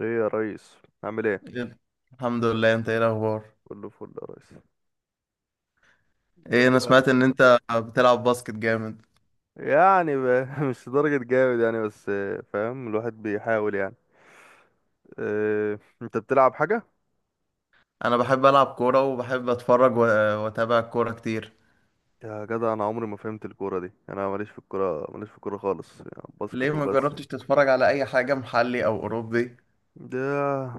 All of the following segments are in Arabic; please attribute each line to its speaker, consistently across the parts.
Speaker 1: ايه يا ريس، عامل ايه؟
Speaker 2: الحمد لله، انت ايه الاخبار؟
Speaker 1: كله فل يا ريس. قول
Speaker 2: ايه،
Speaker 1: لي
Speaker 2: انا
Speaker 1: بقى.
Speaker 2: سمعت ان انت بتلعب باسكت جامد.
Speaker 1: يعني بقى مش لدرجة جامد يعني، بس فاهم، الواحد بيحاول يعني. اه، انت بتلعب حاجة؟
Speaker 2: انا بحب العب كوره وبحب اتفرج واتابع الكوره كتير.
Speaker 1: يا جدع، انا عمري ما فهمت الكورة دي، انا ماليش في الكورة، ماليش في الكورة خالص، يعني
Speaker 2: ليه
Speaker 1: باسكت
Speaker 2: ما
Speaker 1: وبس.
Speaker 2: جربتش تتفرج على اي حاجه محلي او اوروبي؟
Speaker 1: ده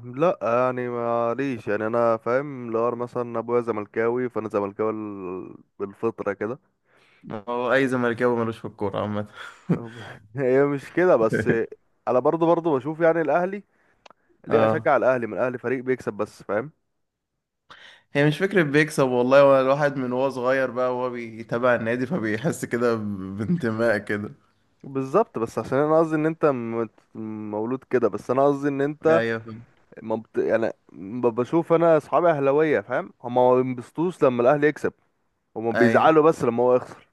Speaker 1: لا يعني ماليش، يعني انا فاهم، لو أنا مثلا ابويا زملكاوي فانا زملكاوي بالفطرة كده.
Speaker 2: ما هو اي زملكاوي ملوش في الكوره عامه.
Speaker 1: هي مش كده بس. انا برضو بشوف يعني الاهلي. ليه
Speaker 2: اه،
Speaker 1: اشجع الاهلي؟ من الاهلي فريق بيكسب، بس فاهم.
Speaker 2: هي مش فكره بيكسب والله، هو الواحد من وهو صغير بقى وهو بيتابع النادي فبيحس كده بانتماء كده.
Speaker 1: بالظبط، بس عشان انا قصدي ان انت مولود كده، بس انا قصدي ان انت
Speaker 2: ايوه فاهم.
Speaker 1: ما بت... يعني ب- بشوف، انا اصحابي اهلاويه، فاهم، هما ما بينبسطوش لما الاهلي يكسب، هما
Speaker 2: ايوه،
Speaker 1: بيزعلوا بس لما هو يخسر.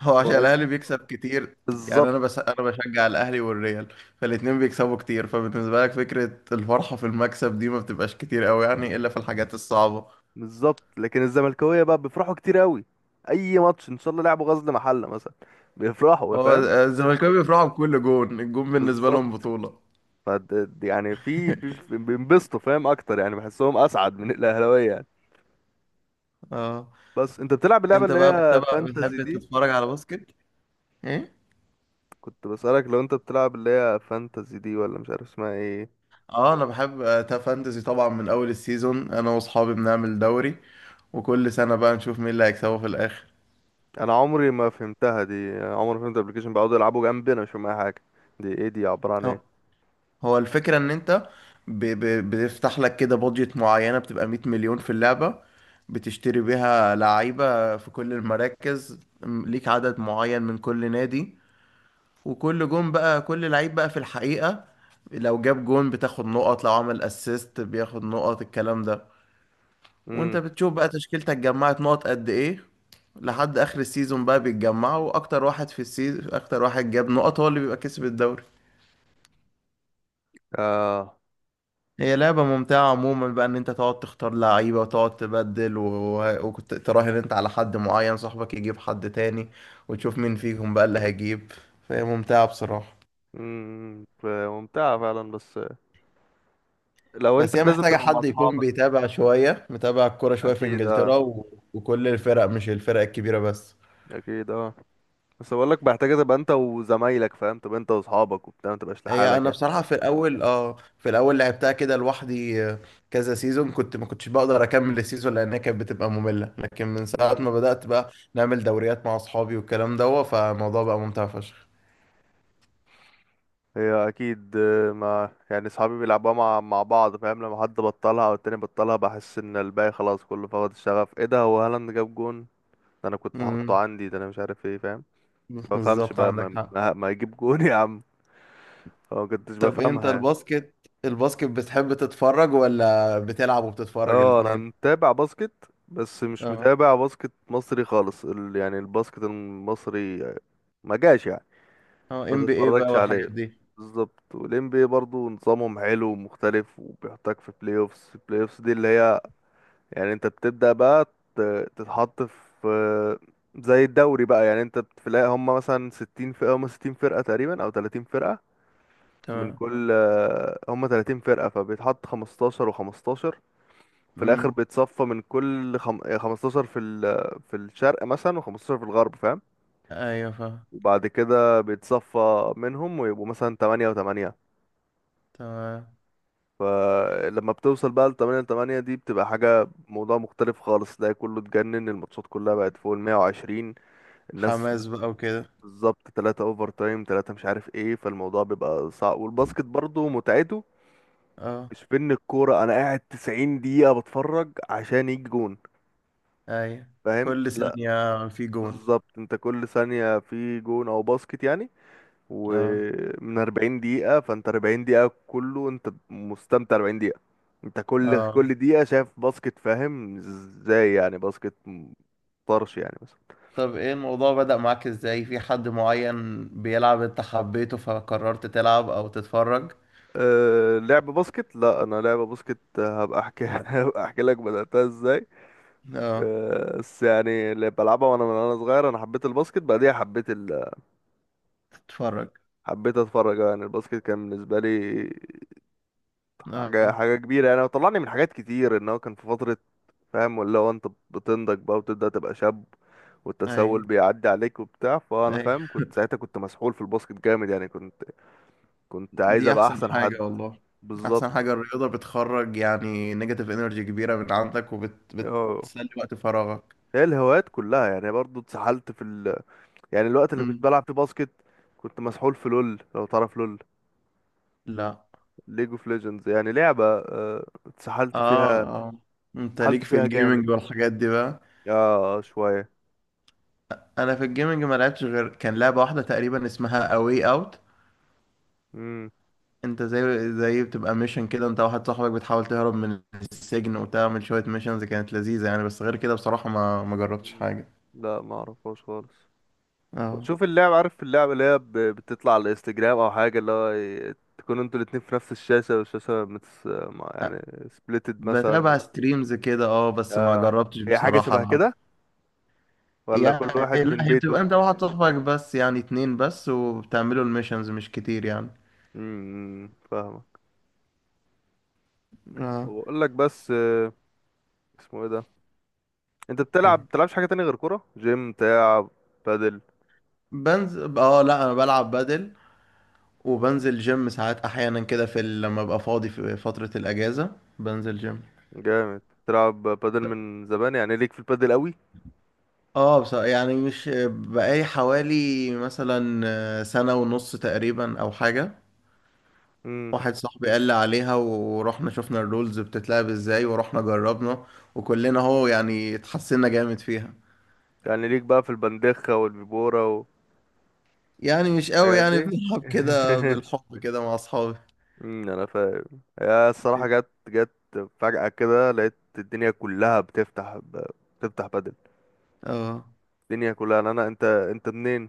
Speaker 2: هو
Speaker 1: هما
Speaker 2: عشان الاهلي
Speaker 1: قاسيين.
Speaker 2: بيكسب كتير. يعني انا
Speaker 1: بالظبط.
Speaker 2: بس انا بشجع الاهلي والريال، فالاتنين بيكسبوا كتير، فبالنسبه لك فكره الفرحه في المكسب دي ما بتبقاش كتير قوي يعني الا في الحاجات الصعبه.
Speaker 1: بالظبط، لكن الزملكاويه بقى بيفرحوا كتير قوي. اي ماتش، ان شاء الله لعبوا غزل محله مثلا، بيفرحوا،
Speaker 2: هو
Speaker 1: فاهم.
Speaker 2: الزمالكاوي بيفرحوا بكل جون، الجون بالنسبه لهم
Speaker 1: بالظبط.
Speaker 2: بطوله.
Speaker 1: فد... يعني في في في- بينبسطوا، فاهم اكتر، يعني بحسهم اسعد من الاهلاويه يعني.
Speaker 2: اه
Speaker 1: بس انت بتلعب اللعبه
Speaker 2: انت
Speaker 1: اللي
Speaker 2: بقى
Speaker 1: هي
Speaker 2: بتتابع،
Speaker 1: فانتزي
Speaker 2: بتحب
Speaker 1: دي؟
Speaker 2: تتفرج على باسكت؟ ايه.
Speaker 1: كنت بسألك لو انت بتلعب اللي هي فانتزي دي، ولا مش عارف اسمها ايه.
Speaker 2: اه انا بحب فانتزي طبعا، من اول السيزون انا واصحابي بنعمل دوري، وكل سنه بقى نشوف مين اللي هيكسبه في الاخر.
Speaker 1: انا عمري ما فهمتها دي. عمري ما فهمت الابلكيشن، بيقعدوا يلعبوا جنبي انا مش فاهم اي حاجه. دي ايه؟ دي عباره عن ايه؟
Speaker 2: هو الفكرة ان انت بتفتح لك كده بادجت معينة، بتبقى 100 مليون في اللعبة، بتشتري بيها لعيبة في كل المراكز، ليك عدد معين من كل نادي، وكل جون بقى، كل لعيب بقى في الحقيقة لو جاب جون بتاخد نقط، لو عمل اسيست بياخد نقط، الكلام ده. وانت
Speaker 1: امم.
Speaker 2: بتشوف بقى تشكيلتك جمعت نقط قد ايه لحد اخر السيزون، بقى بيتجمعوا واكتر واحد في السيزون، اكتر واحد جاب نقط هو اللي بيبقى كسب الدوري.
Speaker 1: اه.
Speaker 2: هي لعبة ممتعة عموما بقى، ان انت تقعد تختار لعيبة وتقعد تبدل وكنت تراهن انت على حد معين، صاحبك يجيب حد تاني وتشوف مين فيهم بقى اللي هيجيب، فهي ممتعة بصراحة.
Speaker 1: ممتعه فعلا، بس لو انت
Speaker 2: بس هي
Speaker 1: لازم
Speaker 2: محتاجة
Speaker 1: تبقى مع
Speaker 2: حد يكون
Speaker 1: اصحابك.
Speaker 2: بيتابع شوية، متابع الكورة شوية في
Speaker 1: اكيد، اه.
Speaker 2: انجلترا وكل الفرق، مش الفرق الكبيرة بس.
Speaker 1: اكيد، اه. بس بقول لك محتاجه تبقى انت وزمايلك، فاهم، تبقى انت واصحابك وبتاع، ما تبقاش
Speaker 2: هي
Speaker 1: لحالك
Speaker 2: انا بصراحه في الاول، اه في الاول لعبتها كده لوحدي كذا سيزون، كنت ما كنتش بقدر اكمل السيزون لانها كانت بتبقى ممله، لكن من ساعه
Speaker 1: يعني.
Speaker 2: ما بدات بقى نعمل دوريات مع اصحابي والكلام ده، فالموضوع بقى ممتع فشخ.
Speaker 1: هي اكيد، ما يعني صحابي بيلعبوها مع بعض، فاهم. لما حد بطلها او التاني بطلها، بحس ان الباقي خلاص كله فقد الشغف. ايه ده؟ هو هالاند جاب جون؟ ده انا كنت حاطه
Speaker 2: امم،
Speaker 1: عندي، ده انا مش عارف ايه، فاهم. ما بفهمش
Speaker 2: بالظبط
Speaker 1: بقى،
Speaker 2: عندك
Speaker 1: ما,
Speaker 2: حق.
Speaker 1: ما ما يجيب جون يا عم. أنا ما كنتش
Speaker 2: طب انت
Speaker 1: بفهمها يعني.
Speaker 2: الباسكت، الباسكت بتحب تتفرج ولا بتلعب وبتتفرج
Speaker 1: اه، انا
Speaker 2: الاتنين؟
Speaker 1: متابع باسكت، بس مش
Speaker 2: اه.
Speaker 1: متابع باسكت مصري خالص. يعني الباسكت المصري ما جاش يعني.
Speaker 2: اه
Speaker 1: ما
Speaker 2: ام بي اي بقى
Speaker 1: تتفرجش عليه.
Speaker 2: والحاجات دي.
Speaker 1: بالظبط. والان بي برضه نظامهم حلو ومختلف، وبيحطك في بلاي اوفس. البلاي اوفس دي اللي هي يعني انت بتبدأ بقى تتحط في، زي الدوري بقى. يعني انت بتلاقي هم مثلا ستين فرقة، هم ستين فرقة تقريبا، او تلاتين فرقة. من
Speaker 2: تمام.
Speaker 1: كل، هم تلاتين فرقة، فبيتحط خمستاشر وخمستاشر. في الآخر
Speaker 2: امم.
Speaker 1: بيتصفى من كل خمستاشر في الشرق مثلا، وخمستاشر في الغرب، فاهم.
Speaker 2: ايوه فاهم.
Speaker 1: وبعد كده بيتصفى منهم، ويبقوا مثلا تمانية وتمانية.
Speaker 2: تمام.
Speaker 1: فلما بتوصل بقى لتمانية وتمانية دي، بتبقى حاجة، موضوع مختلف خالص. ده كله اتجنن، الماتشات كلها بقت فوق المية وعشرين. الناس بت-
Speaker 2: حماس بقى وكده.
Speaker 1: بالظبط، تلاتة اوفر تايم، تلاتة مش عارف ايه، فالموضوع بيبقى صعب. والباسكت برضو متعته
Speaker 2: اه.
Speaker 1: مش في ان الكورة انا قاعد 90 دقيقة بتفرج عشان يجي جون،
Speaker 2: اي،
Speaker 1: فاهم،
Speaker 2: كل
Speaker 1: لا.
Speaker 2: ثانية في جون.
Speaker 1: بالظبط، انت كل ثانية في جون او باسكت يعني.
Speaker 2: اه.
Speaker 1: ومن 40 دقيقة، فانت 40 دقيقة كله انت مستمتع، 40 دقيقة انت كل
Speaker 2: اه.
Speaker 1: كل دقيقة شايف باسكت، فاهم ازاي يعني. باسكت طرش يعني.
Speaker 2: طب ايه الموضوع بدأ معاك ازاي؟ في حد معين بيلعب انت حبيته فقررت تلعب او تتفرج؟
Speaker 1: أه، لعب باسكت، لا انا لعب باسكت، هبقى احكي هبقى احكي لك بدأتها ازاي.
Speaker 2: اه.
Speaker 1: بس يعني اللي بلعبها وانا من وانا صغير، انا حبيت الباسكت، بعديها حبيت
Speaker 2: تتفرج.
Speaker 1: حبيت اتفرج، يعني الباسكت كان بالنسبه لي حاجه
Speaker 2: اه.
Speaker 1: حاجه كبيره يعني، وطلعني من حاجات كتير. ان هو كان في فتره، فاهم، ولا هو انت بتنضج بقى وتبدأ تبقى شاب،
Speaker 2: اي.
Speaker 1: والتسول بيعدي عليك وبتاع، فانا
Speaker 2: اي.
Speaker 1: فاهم كنت ساعتها، كنت مسحول في الباسكت جامد يعني، كنت عايز
Speaker 2: دي
Speaker 1: ابقى
Speaker 2: احسن
Speaker 1: احسن حد.
Speaker 2: حاجة والله. احسن
Speaker 1: بالظبط.
Speaker 2: حاجة الرياضة، بتخرج يعني نيجاتيف انرجي كبيرة من عندك
Speaker 1: اه،
Speaker 2: وبتسلي وقت فراغك.
Speaker 1: هي الهوايات كلها يعني برضو اتسحلت في يعني الوقت اللي كنت
Speaker 2: مم.
Speaker 1: بلعب فيه باسكت، كنت مسحول في لول، لو تعرف لول،
Speaker 2: لا.
Speaker 1: ليج اوف ليجندز، يعني لعبة اتسحلت
Speaker 2: اه.
Speaker 1: فيها.
Speaker 2: اه. انت
Speaker 1: اتسحلت
Speaker 2: ليك في
Speaker 1: فيها جامد.
Speaker 2: الجيمنج والحاجات دي بقى؟
Speaker 1: اه، شوية.
Speaker 2: انا في الجيمنج ما لعبتش غير كان لعبه واحده تقريبا اسمها اواي اوت.
Speaker 1: امم.
Speaker 2: انت زي بتبقى ميشن كده، انت واحد صاحبك بتحاول تهرب من السجن وتعمل شويه ميشنز، كانت لذيذه يعني، بس غير كده بصراحه ما جربتش حاجه.
Speaker 1: لا، ما اعرفهاش خالص.
Speaker 2: اه
Speaker 1: شوف اللعبة، عارف اللعبة اللي هي بتطلع على الانستجرام او حاجة، اللي هو تكونوا انتوا الاتنين في نفس الشاشة، والشاشة متس... ما- يعني سبليتد مثلا.
Speaker 2: بتابع ستريمز كده اه، بس ما
Speaker 1: اه،
Speaker 2: جربتش
Speaker 1: هي حاجة
Speaker 2: بصراحه
Speaker 1: شبه
Speaker 2: العب.
Speaker 1: كده، ولا كل
Speaker 2: يعني
Speaker 1: واحد
Speaker 2: لا،
Speaker 1: من
Speaker 2: هي
Speaker 1: بيته؟
Speaker 2: بتبقى انت واحد صاحبك بس، يعني اتنين بس، وبتعملوا الميشنز مش كتير يعني.
Speaker 1: امم. فاهمك.
Speaker 2: اه.
Speaker 1: واقول لك بس، اسمه ايه ده؟ انت بتلعب،
Speaker 2: إيه.
Speaker 1: بتلعبش حاجه تانية غير كوره، جيم، بتاع؟ بادل.
Speaker 2: بنزل، اه لا انا بلعب بدل وبنزل جيم ساعات احيانا كده، في لما ابقى فاضي في فترة الاجازة بنزل جيم.
Speaker 1: جامد، بتلعب بادل من زمان يعني، ليك في البادل قوي.
Speaker 2: اه، يعني مش بقالي حوالي مثلا سنة ونص تقريبا او حاجة.
Speaker 1: امم.
Speaker 2: واحد صاحبي قال لي عليها ورحنا شفنا الرولز بتتلعب ازاي ورحنا جربنا، وكلنا هو يعني اتحسنا جامد فيها.
Speaker 1: يعني ليك بقى في البندخه والبيبوره
Speaker 2: يعني مش قوي
Speaker 1: والحاجات
Speaker 2: يعني،
Speaker 1: دي
Speaker 2: بنلعب كده بالحب كده مع اصحابي.
Speaker 1: انا فاهم. هي الصراحه جت جت فجاه كده، لقيت الدنيا كلها بتفتح بتفتح بادل،
Speaker 2: اه.
Speaker 1: الدنيا كلها. انت منين؟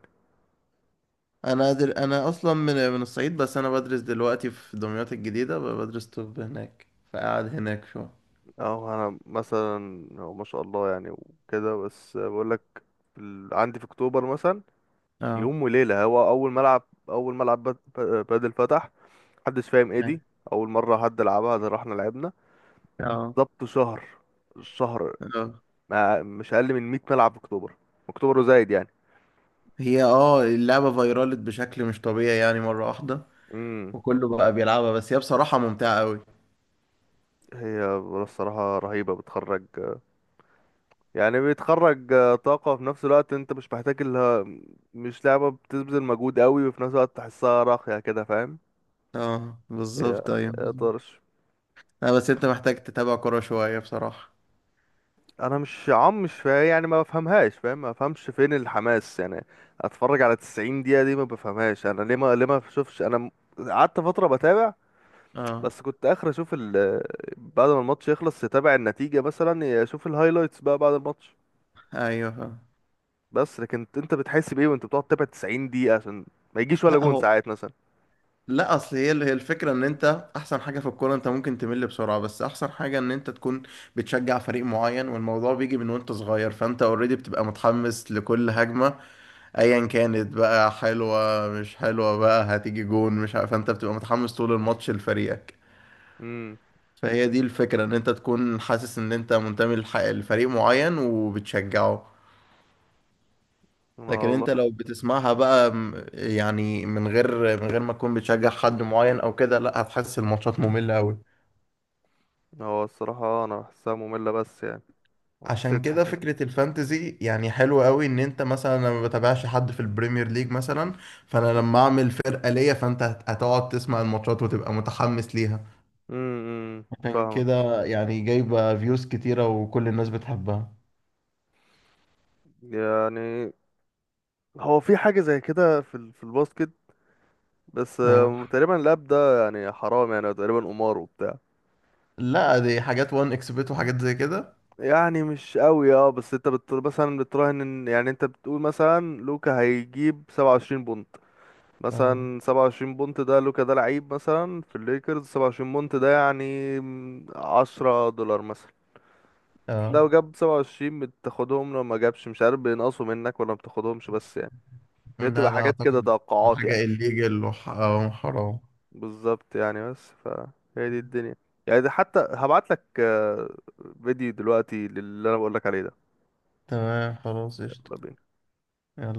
Speaker 2: انا انا اصلا من الصعيد، بس انا بدرس دلوقتي في دمياط الجديدة، بدرس طب هناك، فقاعد هناك شو.
Speaker 1: اه، انا مثلا هو ما شاء الله يعني وكده، بس بقول لك عندي في اكتوبر مثلا، في
Speaker 2: اه.
Speaker 1: يوم وليلة، هو أول ملعب، أول ملعب بادل فتح، محدش فاهم ايه
Speaker 2: هاي.
Speaker 1: دي، أول مرة حد لعبها، ده رحنا لعبنا.
Speaker 2: اه.
Speaker 1: بالظبط، شهر شهر،
Speaker 2: اه.
Speaker 1: ما مش أقل من 100 ملعب في أكتوبر. أكتوبر وزايد يعني.
Speaker 2: هي اه اللعبة فيرالت بشكل مش طبيعي يعني مرة واحدة،
Speaker 1: امم
Speaker 2: وكله بقى بيلعبها، بس هي بصراحة ممتعة قوي.
Speaker 1: هي الصراحة رهيبة، بتخرج يعني، بتخرج طاقة. في نفس الوقت انت مش محتاج اللي، مش لعبة بتبذل مجهود قوي، وفي نفس الوقت تحسها راقية كده، فاهم.
Speaker 2: اه
Speaker 1: هي،
Speaker 2: بالظبط، ايوه.
Speaker 1: هي طرش.
Speaker 2: لا بس انت محتاج تتابع كورة شوية بصراحة.
Speaker 1: انا مش عم مش فا يعني ما بفهمهاش، فاهم، ما بفهمش فين الحماس يعني. اتفرج على 90 دقيقة دي، ما بفهمهاش انا ليه ما بشوفش انا قعدت فترة بتابع،
Speaker 2: اه.
Speaker 1: بس كنت اخر اشوف ال، بعد ما الماتش يخلص يتابع النتيجة مثلا، اشوف الهايلايتس بقى بعد الماتش.
Speaker 2: ايوه فاهم.
Speaker 1: بس لكن انت، بتحس بايه وانت بتقعد تتابع 90 دقيقة، عشان ما يجيش ولا
Speaker 2: لا
Speaker 1: جون
Speaker 2: هو،
Speaker 1: ساعات مثلا.
Speaker 2: لا اصل هي الفكره ان انت احسن حاجه في الكوره، انت ممكن تمل بسرعه، بس احسن حاجه ان انت تكون بتشجع فريق معين، والموضوع بيجي من وانت صغير، فانت اوريدي بتبقى متحمس لكل هجمه ايا كانت، بقى حلوه مش حلوه، بقى هتيجي جون مش عارف، فانت بتبقى متحمس طول الماتش لفريقك.
Speaker 1: امم.
Speaker 2: فهي دي الفكره، ان انت تكون حاسس ان انت منتمي لفريق معين وبتشجعه.
Speaker 1: انا
Speaker 2: لكن
Speaker 1: والله.
Speaker 2: انت لو بتسمعها بقى يعني من غير، من غير ما تكون بتشجع حد معين او كده، لا هتحس الماتشات مملة قوي.
Speaker 1: هو الصراحة انا بحسها مملة، بس يعني ما
Speaker 2: عشان
Speaker 1: حسيتش.
Speaker 2: كده فكرة الفانتزي يعني حلوة قوي، ان انت مثلا، انا ما بتابعش حد في البريمير ليج مثلا، فانا لما اعمل فرقة ليا فانت هتقعد تسمع الماتشات وتبقى متحمس ليها.
Speaker 1: امم.
Speaker 2: عشان
Speaker 1: فاهمك.
Speaker 2: كده يعني جايبة فيوز كتيرة وكل الناس بتحبها.
Speaker 1: يعني هو في حاجة زي كده في في الباسكت، بس
Speaker 2: آه.
Speaker 1: تقريبا اللعب ده يعني حرام يعني، تقريبا قمار وبتاع.
Speaker 2: لا دي حاجات وان اكسبت وحاجات زي كده.
Speaker 1: يعني مش قوي. اه، بس انت مثلا بتراهن ان يعني، انت بتقول مثلا لوكا هيجيب 27 بونت،
Speaker 2: آه.
Speaker 1: مثلا 27 بونت ده، لوكا ده لعيب مثلا في الليكرز، 27 بونت ده يعني 10 دولار مثلا.
Speaker 2: آه.
Speaker 1: لو جاب 27 بتاخدهم، لو ما جابش مش عارف بينقصوا منك ولا ما بتاخدهمش، بس يعني هي
Speaker 2: لا
Speaker 1: بتبقى
Speaker 2: لا
Speaker 1: حاجات كده،
Speaker 2: اعتقد.
Speaker 1: توقعات
Speaker 2: حاجة
Speaker 1: يعني.
Speaker 2: الليجل وحرام.
Speaker 1: بالظبط يعني، بس فهي دي الدنيا. يعني ده حتى هبعت لك فيديو دلوقتي للي انا بقول لك عليه ده.
Speaker 2: تمام، خلاص قشطة.
Speaker 1: يلا بينا.
Speaker 2: يلا.